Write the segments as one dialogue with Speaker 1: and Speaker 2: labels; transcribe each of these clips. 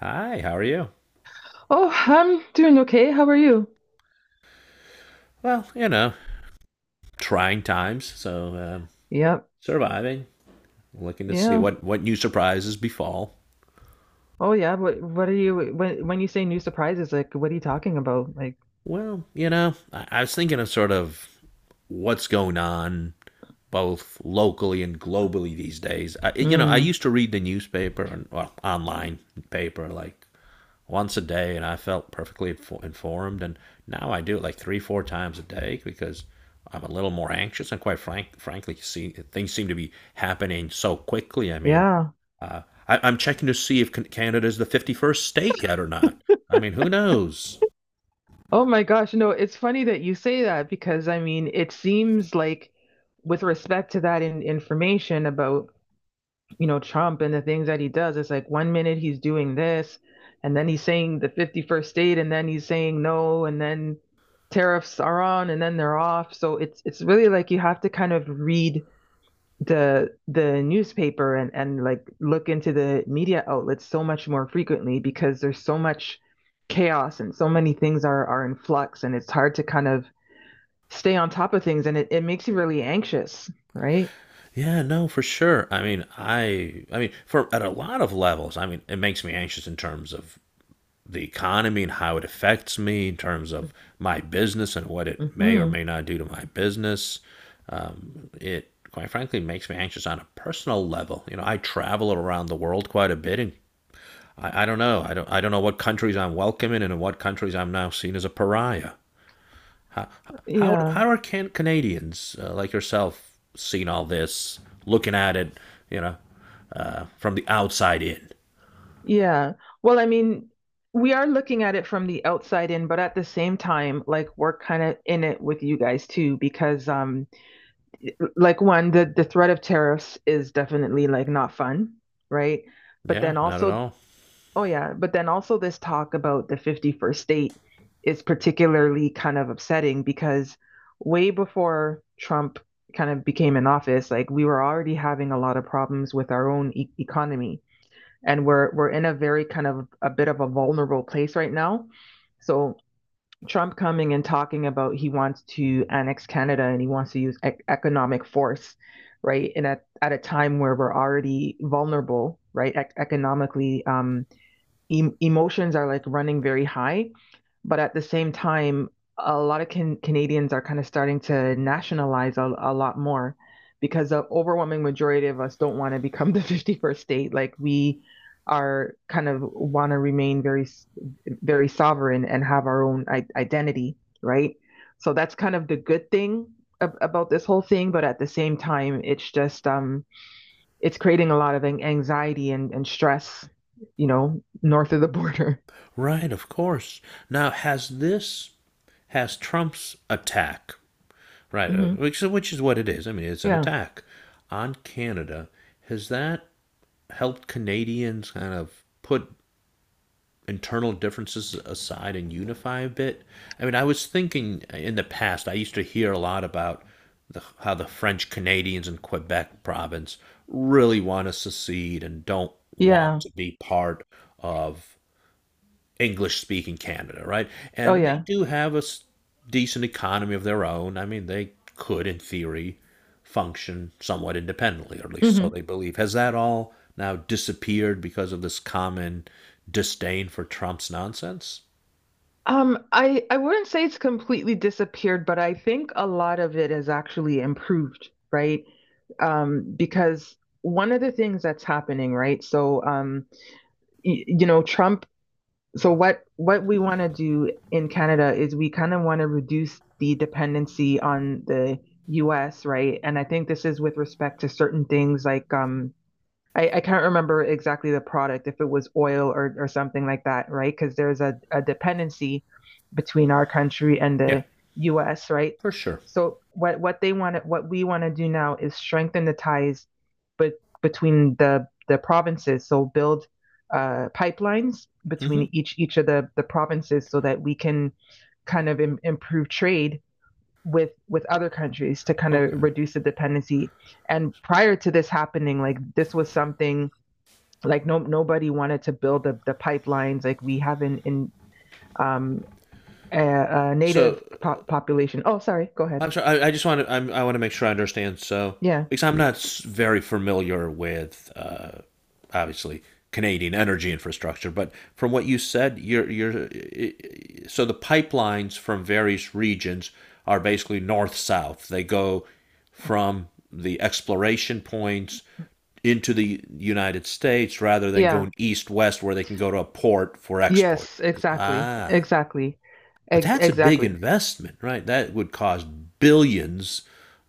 Speaker 1: Hi, how are you?
Speaker 2: Oh, I'm doing okay. How are you?
Speaker 1: Well, you know, trying times, so
Speaker 2: Yep.
Speaker 1: surviving, looking to see
Speaker 2: Yeah.
Speaker 1: what new surprises befall.
Speaker 2: Oh, yeah. What are you when you say new surprises, like what are you talking about? Like,
Speaker 1: Well, you know, I was thinking of sort of what's going on both locally and globally these days. I, you know, I
Speaker 2: mm,
Speaker 1: used to read the newspaper and well, online paper like once a day, and I felt perfectly informed. And now I do it like three, four times a day because I'm a little more anxious. And frankly, see, things seem to be happening so quickly. I mean,
Speaker 2: yeah.
Speaker 1: uh, I'm checking to see if Canada is the 51st state yet or not. I mean, who knows?
Speaker 2: Oh my gosh, no, it's funny that you say that because I mean, it seems like with respect to that in, information about, you know, Trump and the things that he does, it's like one minute he's doing this and then he's saying the 51st state and then he's saying no and then tariffs are on and then they're off. So it's really like you have to kind of read the newspaper and like look into the media outlets so much more frequently because there's so much chaos and so many things are in flux and it's hard to kind of stay on top of things and it makes you really anxious, right?
Speaker 1: Yeah, no, for sure. I mean, I mean, for at a lot of levels, I mean, it makes me anxious in terms of the economy and how it affects me in terms of my business and what it may or
Speaker 2: Hmm.
Speaker 1: may not do to my business. It quite frankly makes me anxious on a personal level. You know, I travel around the world quite a bit, and I don't know. I don't. I don't know what countries I'm welcome in, and in what countries I'm now seen as a pariah. How
Speaker 2: Yeah.
Speaker 1: how are Canadians like yourself seeing all this, looking at it, you know, from the outside in?
Speaker 2: Yeah. Well, I mean, we are looking at it from the outside in, but at the same time, like we're kind of in it with you guys too, because like one, the threat of tariffs is definitely like not fun, right? But
Speaker 1: Yeah,
Speaker 2: then
Speaker 1: not at
Speaker 2: also,
Speaker 1: all.
Speaker 2: oh yeah, but then also this talk about the 51st state is particularly kind of upsetting because way before Trump kind of became in office, like we were already having a lot of problems with our own economy and we're in a very kind of a bit of a vulnerable place right now. So Trump coming and talking about he wants to annex Canada and he wants to use economic force, right? And at a time where we're already vulnerable, right, economically, emotions are like running very high, but at the same time, a lot of Canadians are kind of starting to nationalize a lot more because the overwhelming majority of us don't want to become the 51st state. Like we are kind of want to remain very sovereign and have our own I identity, right? So that's kind of the good thing ab about this whole thing, but at the same time, it's just it's creating a lot of anxiety and stress, you know, north of the border.
Speaker 1: Right, of course. Now, has Trump's attack, right,
Speaker 2: Hmm.
Speaker 1: which is what it is, I mean, it's an
Speaker 2: Yeah.
Speaker 1: attack on Canada, has that helped Canadians kind of put internal differences aside and unify a bit? I mean, I was thinking in the past, I used to hear a lot about how the French Canadians in Quebec province really want to secede and don't want
Speaker 2: Yeah.
Speaker 1: to be part of English speaking Canada, right?
Speaker 2: Oh,
Speaker 1: And they
Speaker 2: yeah.
Speaker 1: do have a decent economy of their own. I mean, they could, in theory, function somewhat independently, or at least so they
Speaker 2: Hmm.
Speaker 1: believe. Has that all now disappeared because of this common disdain for Trump's nonsense?
Speaker 2: I wouldn't say it's completely disappeared, but I think a lot of it has actually improved, right? Because one of the things that's happening, right? So, you know, Trump. So what we want to do in Canada is we kind of want to reduce the dependency on the US, right? And I think this is with respect to certain things like I can't remember exactly the product, if it was oil or something like that, right? Because there's a dependency between our country and
Speaker 1: Yeah,
Speaker 2: the US, right?
Speaker 1: for sure.
Speaker 2: So what they want what we want to do now is strengthen the ties but between the provinces. So build pipelines
Speaker 1: Hmm.
Speaker 2: between each of the provinces so that we can kind of improve trade with other countries to kind of
Speaker 1: Okay.
Speaker 2: reduce the dependency, and prior to this happening like this was something like no nobody wanted to build the pipelines like we have in um a
Speaker 1: So
Speaker 2: native population, oh sorry go ahead.
Speaker 1: I'm sorry. I just want to. I want to make sure I understand. So,
Speaker 2: Yeah,
Speaker 1: because I'm not very familiar with, obviously, Canadian energy infrastructure, but from what you said, you're you're. So the pipelines from various regions are basically north south. They go from the exploration points into the United States rather than
Speaker 2: yeah,
Speaker 1: going east west where they can go to a port for export.
Speaker 2: yes exactly
Speaker 1: Ah,
Speaker 2: exactly.
Speaker 1: but that's a big
Speaker 2: Exactly.
Speaker 1: investment, right? That would cost billions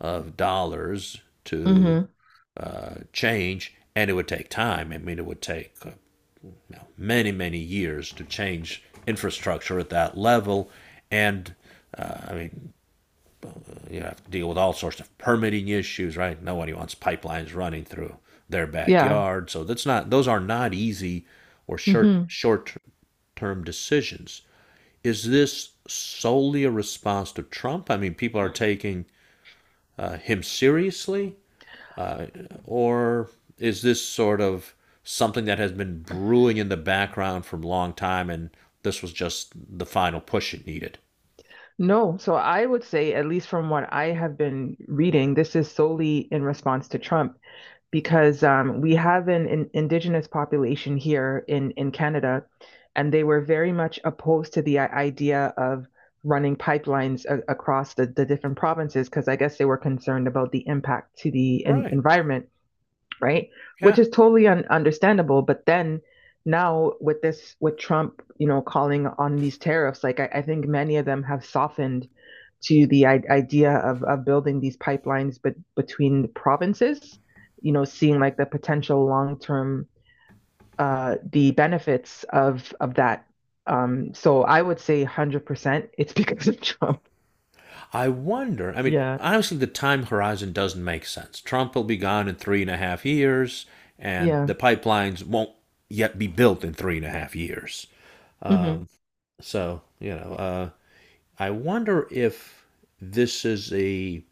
Speaker 1: of dollars to
Speaker 2: Hmm.
Speaker 1: change, and it would take time. I mean, it would take you know, many, many years to change infrastructure at that level. And I mean, you have to deal with all sorts of permitting issues, right? Nobody wants pipelines running through their
Speaker 2: Yeah.
Speaker 1: backyard. So that's not; those are not easy or
Speaker 2: Hmm.
Speaker 1: short term decisions. Is this solely a response to Trump? I mean, people are taking him seriously, uh, or is this sort of something that has been brewing in the background for a long time and this was just the final push it needed?
Speaker 2: No, so I would say at least from what I have been reading this is solely in response to Trump because we have an indigenous population here in Canada, and they were very much opposed to the idea of running pipelines across the different provinces because I guess they were concerned about the impact to the
Speaker 1: Right.
Speaker 2: environment, right? Which
Speaker 1: Yeah.
Speaker 2: is totally understandable. But then now with this, with Trump, you know, calling on these tariffs, like I think many of them have softened to the idea of building these pipelines, but between the provinces, you know, seeing like the potential long term, the benefits of that. So I would say 100% it's because of Trump.
Speaker 1: I wonder. I mean,
Speaker 2: Yeah.
Speaker 1: honestly, the time horizon doesn't make sense. Trump will be gone in 3.5 years, and
Speaker 2: Yeah.
Speaker 1: the pipelines won't yet be built in 3.5 years.
Speaker 2: Hmm.
Speaker 1: Um, so, you know, I wonder if this is a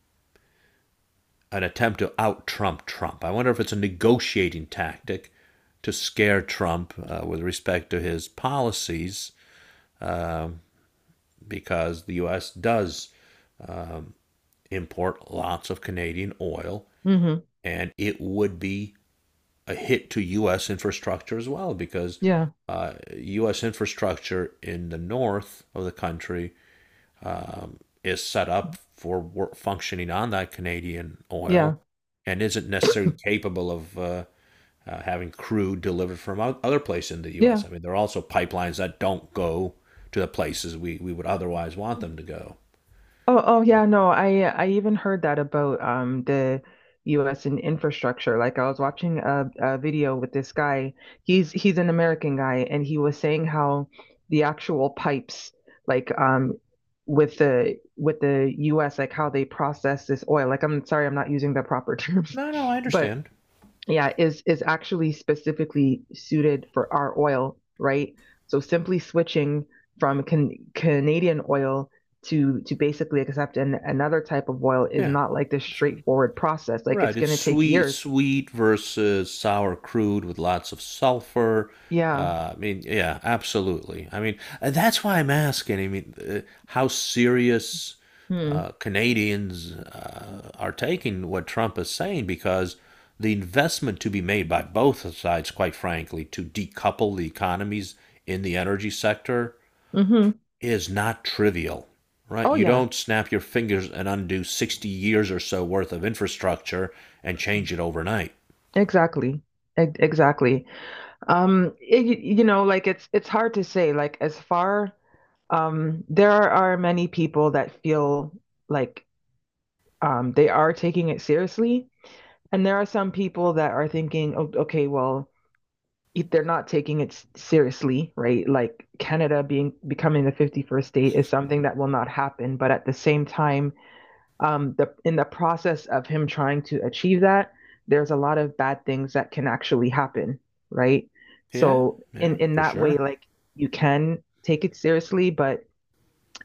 Speaker 1: an attempt to out Trump Trump. I wonder if it's a negotiating tactic to scare Trump with respect to his policies, um, because the U.S. does um, import lots of Canadian oil,
Speaker 2: Hmm.
Speaker 1: and it would be a hit to U.S. infrastructure as well, because
Speaker 2: Yeah.
Speaker 1: U.S. infrastructure in the north of the country is set up for work, functioning on that Canadian
Speaker 2: Yeah.
Speaker 1: oil
Speaker 2: Yeah.
Speaker 1: and isn't necessarily capable of having crude delivered from other places in the U.S.
Speaker 2: Yeah.
Speaker 1: I mean, there are also pipelines that don't go to the places we would otherwise want them to go.
Speaker 2: Oh, oh yeah, no, I even heard that about the US and infrastructure. Like I was watching a video with this guy. He's an American guy and he was saying how the actual pipes like with the US like how they process this oil. Like I'm sorry, I'm not using the proper terms,
Speaker 1: No, no, I
Speaker 2: but
Speaker 1: understand.
Speaker 2: yeah is actually specifically suited for our oil, right? So simply switching from Canadian oil to basically accept another type of oil is
Speaker 1: Yeah.
Speaker 2: not like this
Speaker 1: So
Speaker 2: straightforward process, like
Speaker 1: right.
Speaker 2: it's
Speaker 1: It's
Speaker 2: going to take
Speaker 1: sweet, it's
Speaker 2: years.
Speaker 1: sweet versus sour crude with lots of sulfur.
Speaker 2: Yeah.
Speaker 1: I mean, yeah, absolutely. I mean, and that's why I'm asking. I mean, how serious
Speaker 2: Hmm.
Speaker 1: Canadians are taking what Trump is saying because the investment to be made by both sides, quite frankly, to decouple the economies in the energy sector
Speaker 2: Hmm.
Speaker 1: is not trivial, right?
Speaker 2: Oh
Speaker 1: You
Speaker 2: yeah.
Speaker 1: don't snap your fingers and undo 60 years or so worth of infrastructure and change it overnight.
Speaker 2: Exactly. Exactly. Um, it, you know like it's hard to say, like as far there are many people that feel like they are taking it seriously. And there are some people that are thinking, "Oh, okay, well, if they're not taking it seriously, right? Like Canada being becoming the 51st state is something that will not happen." But at the same time, the process of him trying to achieve that, there's a lot of bad things that can actually happen, right?
Speaker 1: Yeah,
Speaker 2: So
Speaker 1: yeah,
Speaker 2: in
Speaker 1: for
Speaker 2: that way,
Speaker 1: sure.
Speaker 2: like you can take it seriously, but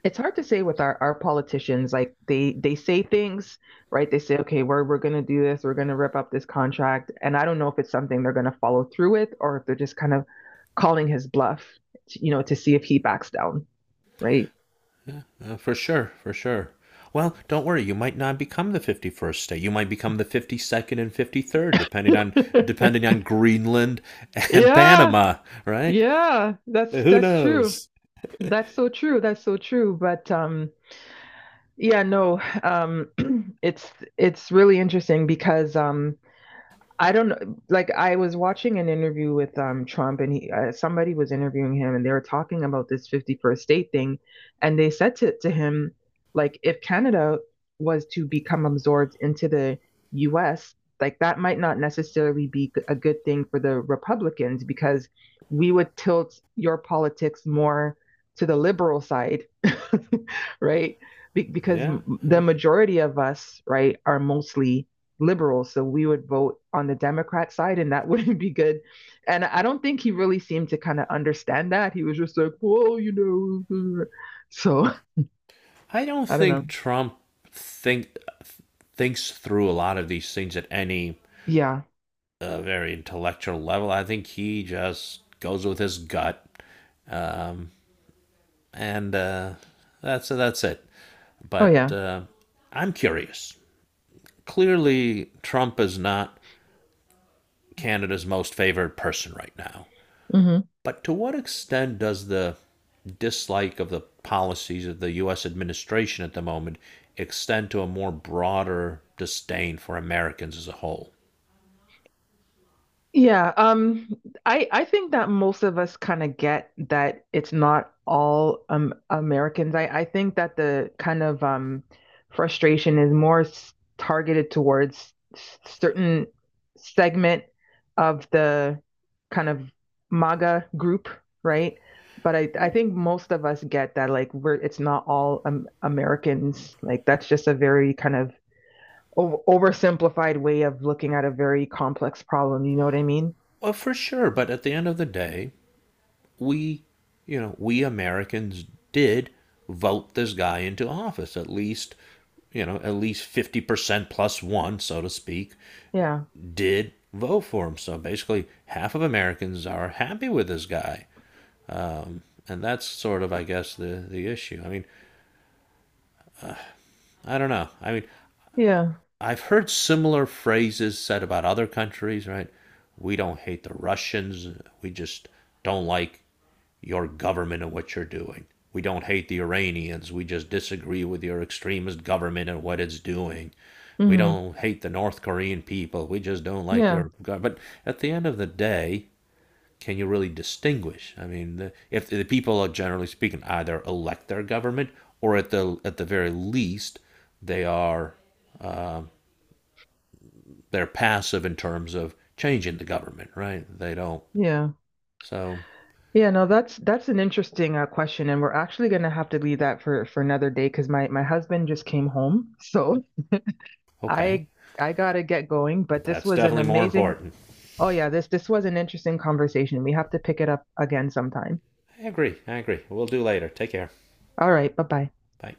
Speaker 2: it's hard to say with our politicians, like they say things, right? They say okay we're going to do this, we're going to rip up this contract and I don't know if it's something they're going to follow through with or if they're just kind of calling his bluff to, you know, to see if he backs down, right?
Speaker 1: For sure, for sure. Well, don't worry, you might not become the 51st state. You might become the 52nd and 53rd depending on Greenland and
Speaker 2: Yeah,
Speaker 1: Panama, right?
Speaker 2: yeah,
Speaker 1: Who
Speaker 2: that's true.
Speaker 1: knows?
Speaker 2: That's so true, that's so true, but yeah no it's it's really interesting because I don't know. Like I was watching an interview with Trump, and he somebody was interviewing him, and they were talking about this 51st state thing, and they said to him, like, if Canada was to become absorbed into the U.S., like that might not necessarily be a good thing for the Republicans because we would tilt your politics more to the liberal side, right? Because
Speaker 1: Yeah,
Speaker 2: the
Speaker 1: yeah.
Speaker 2: majority of us, right, are mostly Liberals. So we would vote on the Democrat side and that wouldn't be good. And I don't think he really seemed to kind of understand that. He was just like, "Whoa, you know. Uh," so
Speaker 1: I don't
Speaker 2: I don't
Speaker 1: think
Speaker 2: know.
Speaker 1: Trump think thinks through a lot of these things at any
Speaker 2: Yeah.
Speaker 1: a very intellectual level. I think he just goes with his gut, um, and that's it.
Speaker 2: Oh,
Speaker 1: But
Speaker 2: yeah.
Speaker 1: I'm curious. Clearly, Trump is not Canada's most favored person right now.
Speaker 2: Mm-hmm.
Speaker 1: But to what extent does the dislike of the policies of the U.S. administration at the moment extend to a more broader disdain for Americans as a whole?
Speaker 2: Yeah, I think that most of us kind of get that it's not all Americans. I think that the kind of frustration is more targeted towards certain segment of the kind of MAGA group, right? But I think most of us get that like we're it's not all Americans. Like that's just a very kind of oversimplified way of looking at a very complex problem. You know what I mean?
Speaker 1: Well, for sure, but at the end of the day, we, you know, we Americans did vote this guy into office. At least, you know, at least 50% plus one, so to speak,
Speaker 2: Yeah.
Speaker 1: did vote for him. So basically, half of Americans are happy with this guy. Um, and that's sort of, I guess, the issue. I mean, I don't know. I mean,
Speaker 2: Yeah.
Speaker 1: I've heard similar phrases said about other countries, right? We don't hate the Russians. We just don't like your government and what you're doing. We don't hate the Iranians. We just disagree with your extremist government and what it's doing. We
Speaker 2: Hmm.
Speaker 1: don't hate the North Korean people. We just don't like
Speaker 2: Yeah.
Speaker 1: your government. But at the end of the day, can you really distinguish? I mean, if the people are generally speaking either elect their government or at the very least they are uh, they're passive in terms of changing the government, right? They don't.
Speaker 2: Yeah.
Speaker 1: So,
Speaker 2: Yeah. No, that's an interesting question, and we're actually gonna have to leave that for another day because my husband just came home, so
Speaker 1: okay.
Speaker 2: I I gotta get going. But this
Speaker 1: That's
Speaker 2: was an
Speaker 1: definitely more
Speaker 2: amazing.
Speaker 1: important.
Speaker 2: Oh yeah, this was an interesting conversation. We have to pick it up again sometime.
Speaker 1: I agree. I agree. We'll do later. Take care.
Speaker 2: All right. Bye bye.
Speaker 1: Bye.